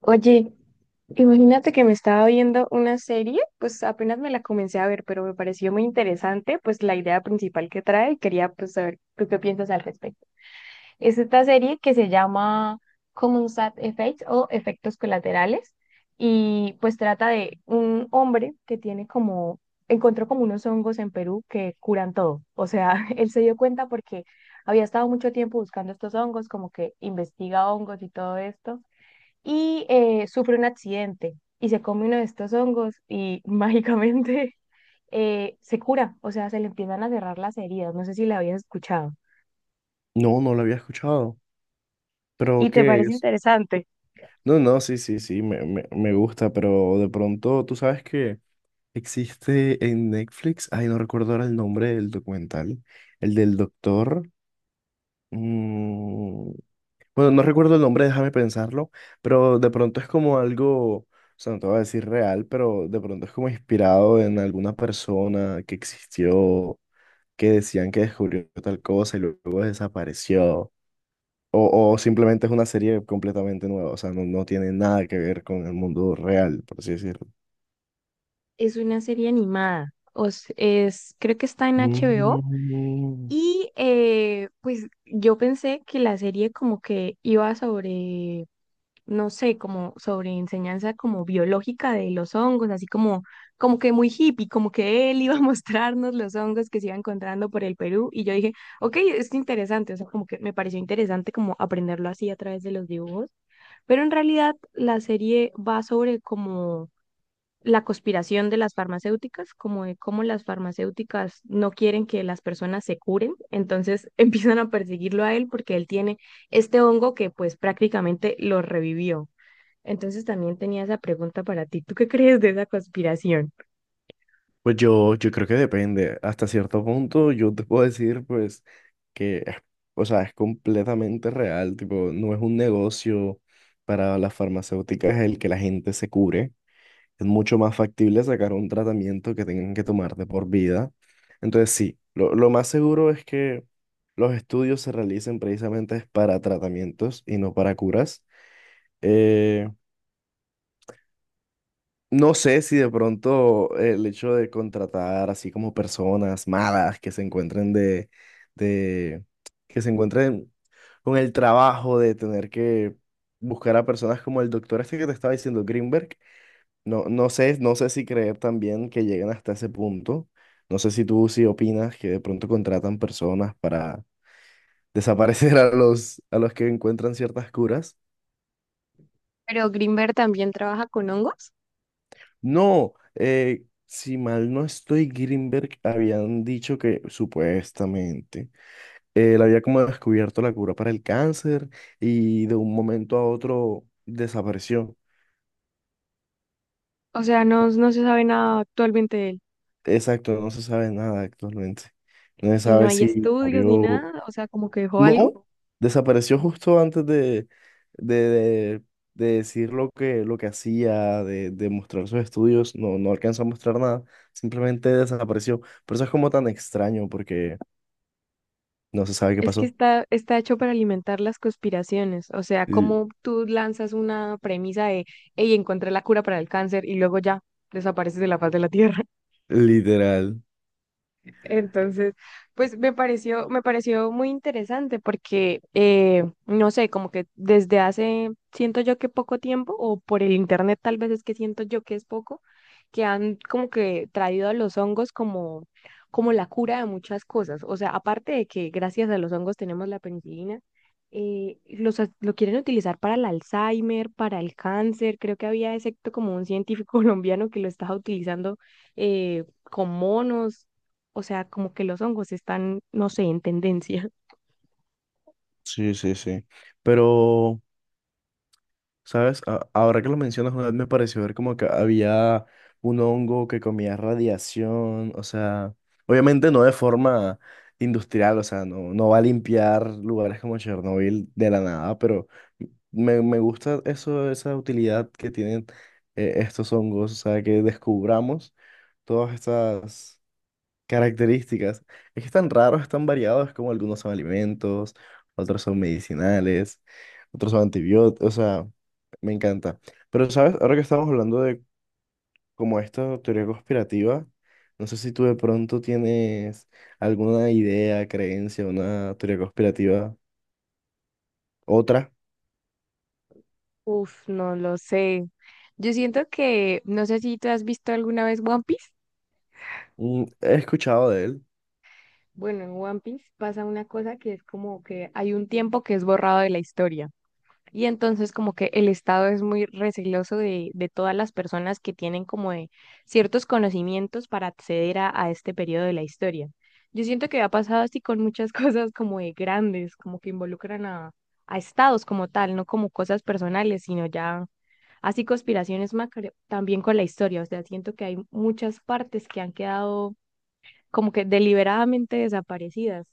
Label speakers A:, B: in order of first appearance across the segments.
A: Oye, imagínate que me estaba viendo una serie, pues apenas me la comencé a ver, pero me pareció muy interesante, pues la idea principal que trae y quería pues saber tú qué piensas al respecto. Es esta serie que se llama Common Side Effects o Efectos Colaterales y pues trata de un hombre que tiene como, encontró como unos hongos en Perú que curan todo. O sea, él se dio cuenta porque había estado mucho tiempo buscando estos hongos, como que investiga hongos y todo esto y sufre un accidente y se come uno de estos hongos y mágicamente se cura, o sea, se le empiezan a cerrar las heridas. No sé si la habías escuchado.
B: No, no lo había escuchado. ¿Pero
A: ¿Y te
B: qué
A: parece
B: es?
A: interesante?
B: No, no, sí, sí, sí, me gusta, pero de pronto, tú sabes que existe en Netflix, ay, no recuerdo ahora el nombre del documental, el del doctor. mm, bueno, no recuerdo el nombre, déjame pensarlo, pero de pronto es como algo, o sea, no te voy a decir real, pero de pronto es como inspirado en alguna persona que existió, que decían que descubrió tal cosa y luego desapareció. O simplemente es una serie completamente nueva, o sea, no, no tiene nada que ver con el mundo real, por así decirlo.
A: Es una serie animada, creo que está en HBO.
B: Mm.
A: Y pues yo pensé que la serie como que iba sobre no sé, como sobre enseñanza como biológica de los hongos, así como, como que muy hippie, como que él iba a mostrarnos los hongos que se iban encontrando por el Perú y yo dije, ok, es interesante, o sea, como que me pareció interesante como aprenderlo así a través de los dibujos, pero en realidad la serie va sobre como la conspiración de las farmacéuticas, como de cómo las farmacéuticas no quieren que las personas se curen, entonces empiezan a perseguirlo a él porque él tiene este hongo que pues prácticamente lo revivió. Entonces también tenía esa pregunta para ti. ¿Tú qué crees de esa conspiración?
B: Pues yo creo que depende. Hasta cierto punto yo te puedo decir, pues, que, o sea, es completamente real, tipo, no es un negocio para las farmacéuticas el que la gente se cure. Es mucho más factible sacar un tratamiento que tengan que tomar de por vida. Entonces, sí, lo más seguro es que los estudios se realicen precisamente para tratamientos y no para curas. Eh, no sé si de pronto el hecho de contratar así como personas malas que se encuentren de, que se encuentren con el trabajo de tener que buscar a personas como el doctor este que te estaba diciendo, Greenberg. No, no sé si creer también que lleguen hasta ese punto. No sé si tú sí opinas que de pronto contratan personas para desaparecer a los que encuentran ciertas curas.
A: Pero Greenberg también trabaja con hongos.
B: No, si mal no estoy, Greenberg habían dicho que supuestamente él había como descubierto la cura para el cáncer y de un momento a otro desapareció.
A: O sea, no, no se sabe nada actualmente de él.
B: Exacto, no se sabe nada actualmente. No se
A: Y no
B: sabe
A: hay
B: si
A: estudios ni
B: murió.
A: nada. O sea, como que dejó algo.
B: No, desapareció justo antes de, de- de decir lo que hacía, de mostrar sus estudios. No, no alcanzó a mostrar nada, simplemente desapareció. Por eso es como tan extraño, porque no se sabe qué
A: Es que
B: pasó.
A: está, está hecho para alimentar las conspiraciones. O sea,
B: Li-
A: como tú lanzas una premisa de, hey, encontré la cura para el cáncer y luego ya desapareces de la faz de la Tierra.
B: Literal.
A: Entonces, pues me pareció muy interesante porque, no sé, como que desde hace, siento yo que poco tiempo, o por el internet tal vez es que siento yo que es poco, que han como que traído a los hongos como, como la cura de muchas cosas. O sea, aparte de que gracias a los hongos tenemos la penicilina, lo quieren utilizar para el Alzheimer, para el cáncer. Creo que había, excepto como un científico colombiano que lo estaba utilizando con monos. O sea, como que los hongos están, no sé, en tendencia.
B: Sí, sí, sí. Pero, ¿sabes? Ahora que lo mencionas, una vez me pareció ver como que había un hongo que comía radiación, o sea, obviamente no de forma industrial, o sea, no, no va a limpiar lugares como Chernobyl de la nada, pero me gusta eso, esa utilidad que tienen estos hongos, o sea, que descubramos todas estas características. Es que están raros, están variados, como algunos son alimentos, otros son medicinales, otros son antibióticos, o sea, me encanta. Pero, ¿sabes? Ahora que estamos hablando de como esta teoría conspirativa, no sé si tú de pronto tienes alguna idea, creencia, una teoría conspirativa, otra.
A: Uf, no lo sé. Yo siento que, no sé si tú has visto alguna vez One Piece.
B: He escuchado de él.
A: Bueno, en One Piece pasa una cosa que es como que hay un tiempo que es borrado de la historia. Y entonces como que el Estado es muy receloso de todas las personas que tienen como de ciertos conocimientos para acceder a este periodo de la historia. Yo siento que ha pasado así con muchas cosas como de grandes, como que involucran a estados como tal, no como cosas personales, sino ya así conspiraciones macro, también con la historia. O sea, siento que hay muchas partes que han quedado como que deliberadamente desaparecidas,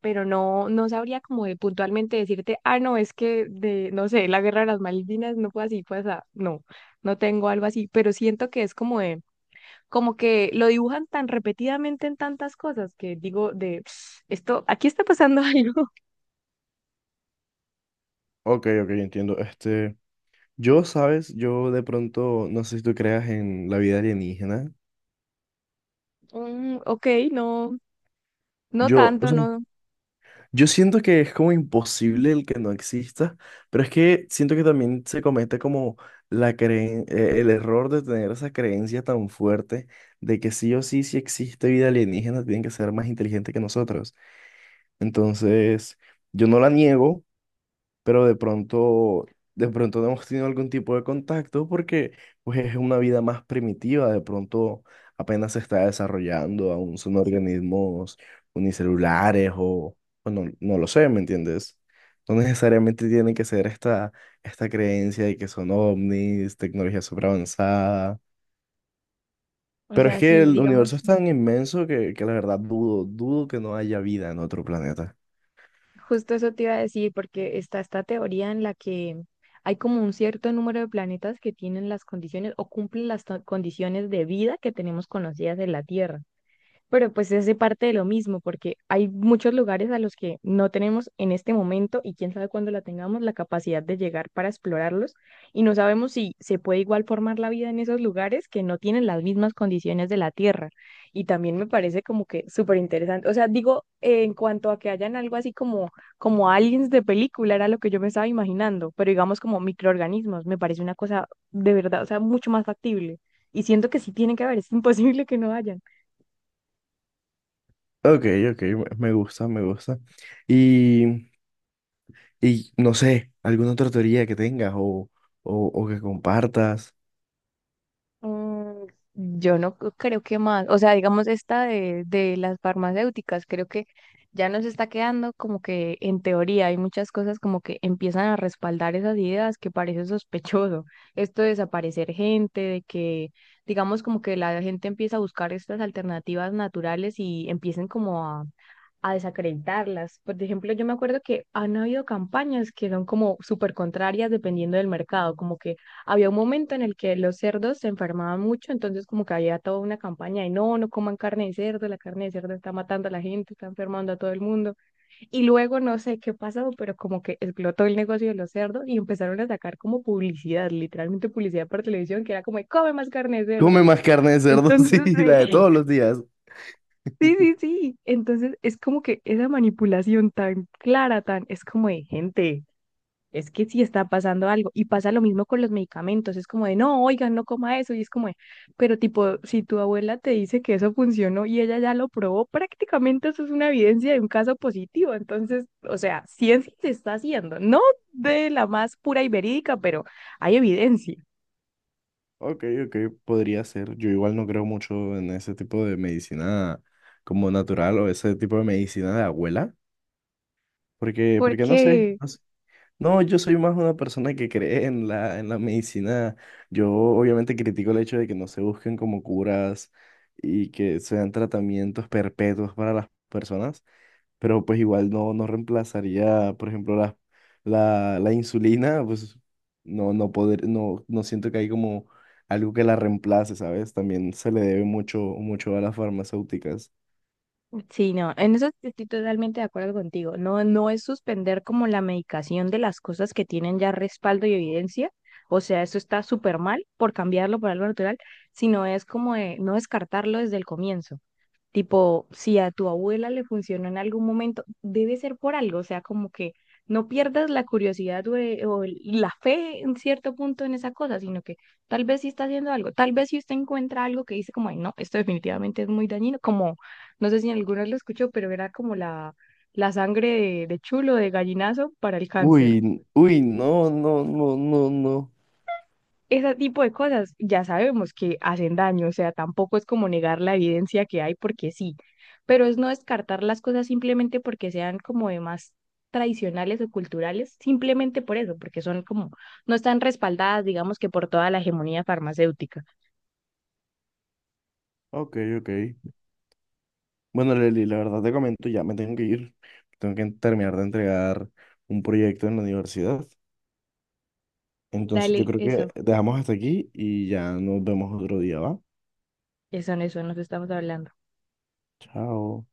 A: pero no, no sabría como de puntualmente decirte, ah, no, es que de, no sé, la guerra de las Malvinas no fue así, fue así, no, no tengo algo así, pero siento que es como de, como que lo dibujan tan repetidamente en tantas cosas que digo de, "Ps, esto, aquí está pasando algo".
B: Ok, ok, entiendo. Este, yo, ¿sabes? Yo de pronto, no sé si tú creas en la vida alienígena.
A: Mm, ok, no, no
B: Yo, o
A: tanto,
B: sea,
A: no,
B: yo siento que es como imposible el que no exista, pero es que siento que también se comete como el error de tener esa creencia tan fuerte de que sí o sí, si existe vida alienígena, tienen que ser más inteligentes que nosotros. Entonces, yo no la niego, pero de pronto no hemos tenido algún tipo de contacto porque pues es una vida más primitiva, de pronto apenas se está desarrollando, aún son organismos unicelulares o no, no lo sé, ¿me entiendes? No necesariamente tiene que ser esta creencia de que son ovnis, tecnología superavanzada.
A: o
B: Pero es
A: sea,
B: que
A: sí,
B: el universo
A: digamos.
B: es tan inmenso que la verdad dudo que no haya vida en otro planeta.
A: Justo eso te iba a decir, porque está esta teoría en la que hay como un cierto número de planetas que tienen las condiciones o cumplen las condiciones de vida que tenemos conocidas en la Tierra, pero pues es de parte de lo mismo, porque hay muchos lugares a los que no tenemos en este momento y quién sabe cuándo la tengamos la capacidad de llegar para explorarlos y no sabemos si se puede igual formar la vida en esos lugares que no tienen las mismas condiciones de la Tierra. Y también me parece como que súper interesante. O sea, digo, en cuanto a que hayan algo así como, como aliens de película, era lo que yo me estaba imaginando, pero digamos como microorganismos, me parece una cosa de verdad, o sea, mucho más factible. Y siento que sí tiene que haber, es imposible que no haya.
B: Ok, ok, me gusta, me gusta. Y Y no sé, alguna otra teoría que tengas o que compartas.
A: Mm, yo no creo que más, o sea, digamos esta de las farmacéuticas, creo que ya nos está quedando como que en teoría hay muchas cosas como que empiezan a respaldar esas ideas que parece sospechoso. Esto de desaparecer gente, de que digamos como que la gente empieza a buscar estas alternativas naturales y empiecen como a desacreditarlas. Por ejemplo, yo me acuerdo que han habido campañas que son como súper contrarias dependiendo del mercado, como que había un momento en el que los cerdos se enfermaban mucho, entonces como que había toda una campaña de no, no coman carne de cerdo, la carne de cerdo está matando a la gente, está enfermando a todo el mundo. Y luego no sé qué pasó, pero como que explotó el negocio de los cerdos y empezaron a sacar como publicidad, literalmente publicidad por televisión, que era como, de, come más carne de cerdo.
B: Come más carne de cerdo,
A: Entonces,
B: sí, la de
A: sí.
B: todos los días.
A: Sí, sí, sí. Entonces es como que esa manipulación tan clara, tan, es como de gente, es que sí está pasando algo. Y pasa lo mismo con los medicamentos, es como de, no, oigan, no coma eso. Y es como de, pero tipo, si tu abuela te dice que eso funcionó y ella ya lo probó, prácticamente eso es una evidencia de un caso positivo. Entonces, o sea, ciencia se está haciendo, no de la más pura y verídica, pero hay evidencia.
B: Ok, ok, podría ser. Yo igual no creo mucho en ese tipo de medicina como natural o ese tipo de medicina de abuela, porque no sé,
A: Porque
B: no sé. No, yo soy más una persona que cree en la medicina. Yo obviamente critico el hecho de que no se busquen como curas y que sean tratamientos perpetuos para las personas. Pero pues igual no, no reemplazaría, por ejemplo, la insulina, pues no, no poder, no, no siento que hay como algo que la reemplace, ¿sabes? También se le debe mucho, mucho a las farmacéuticas.
A: sí, no, en eso sí estoy totalmente de acuerdo contigo. No, no es suspender como la medicación de las cosas que tienen ya respaldo y evidencia. O sea, eso está súper mal por cambiarlo por algo natural, sino es como de no descartarlo desde el comienzo. Tipo, si a tu abuela le funcionó en algún momento, debe ser por algo, o sea, como que no pierdas la curiosidad o la fe en cierto punto en esa cosa, sino que tal vez sí está haciendo algo, tal vez si usted encuentra algo que dice como, "Ay, no, esto definitivamente es muy dañino". Como, no sé si alguno lo escuchó, pero era como la sangre de chulo, de gallinazo para el
B: Uy,
A: cáncer.
B: uy, no, no, no, no, no.
A: Ese tipo de cosas ya sabemos que hacen daño, o sea, tampoco es como negar la evidencia que hay porque sí, pero es no descartar las cosas simplemente porque sean como de más tradicionales o culturales, simplemente por eso, porque son como, no están respaldadas, digamos que por toda la hegemonía farmacéutica.
B: Ok, ok. Bueno, Leli, la verdad te comento, ya me tengo que ir. Tengo que terminar de entregar un proyecto en la universidad. Entonces yo
A: Dale,
B: creo que
A: eso,
B: dejamos hasta aquí y ya nos vemos otro día, ¿va?
A: eso, en eso, nos estamos hablando.
B: Chao.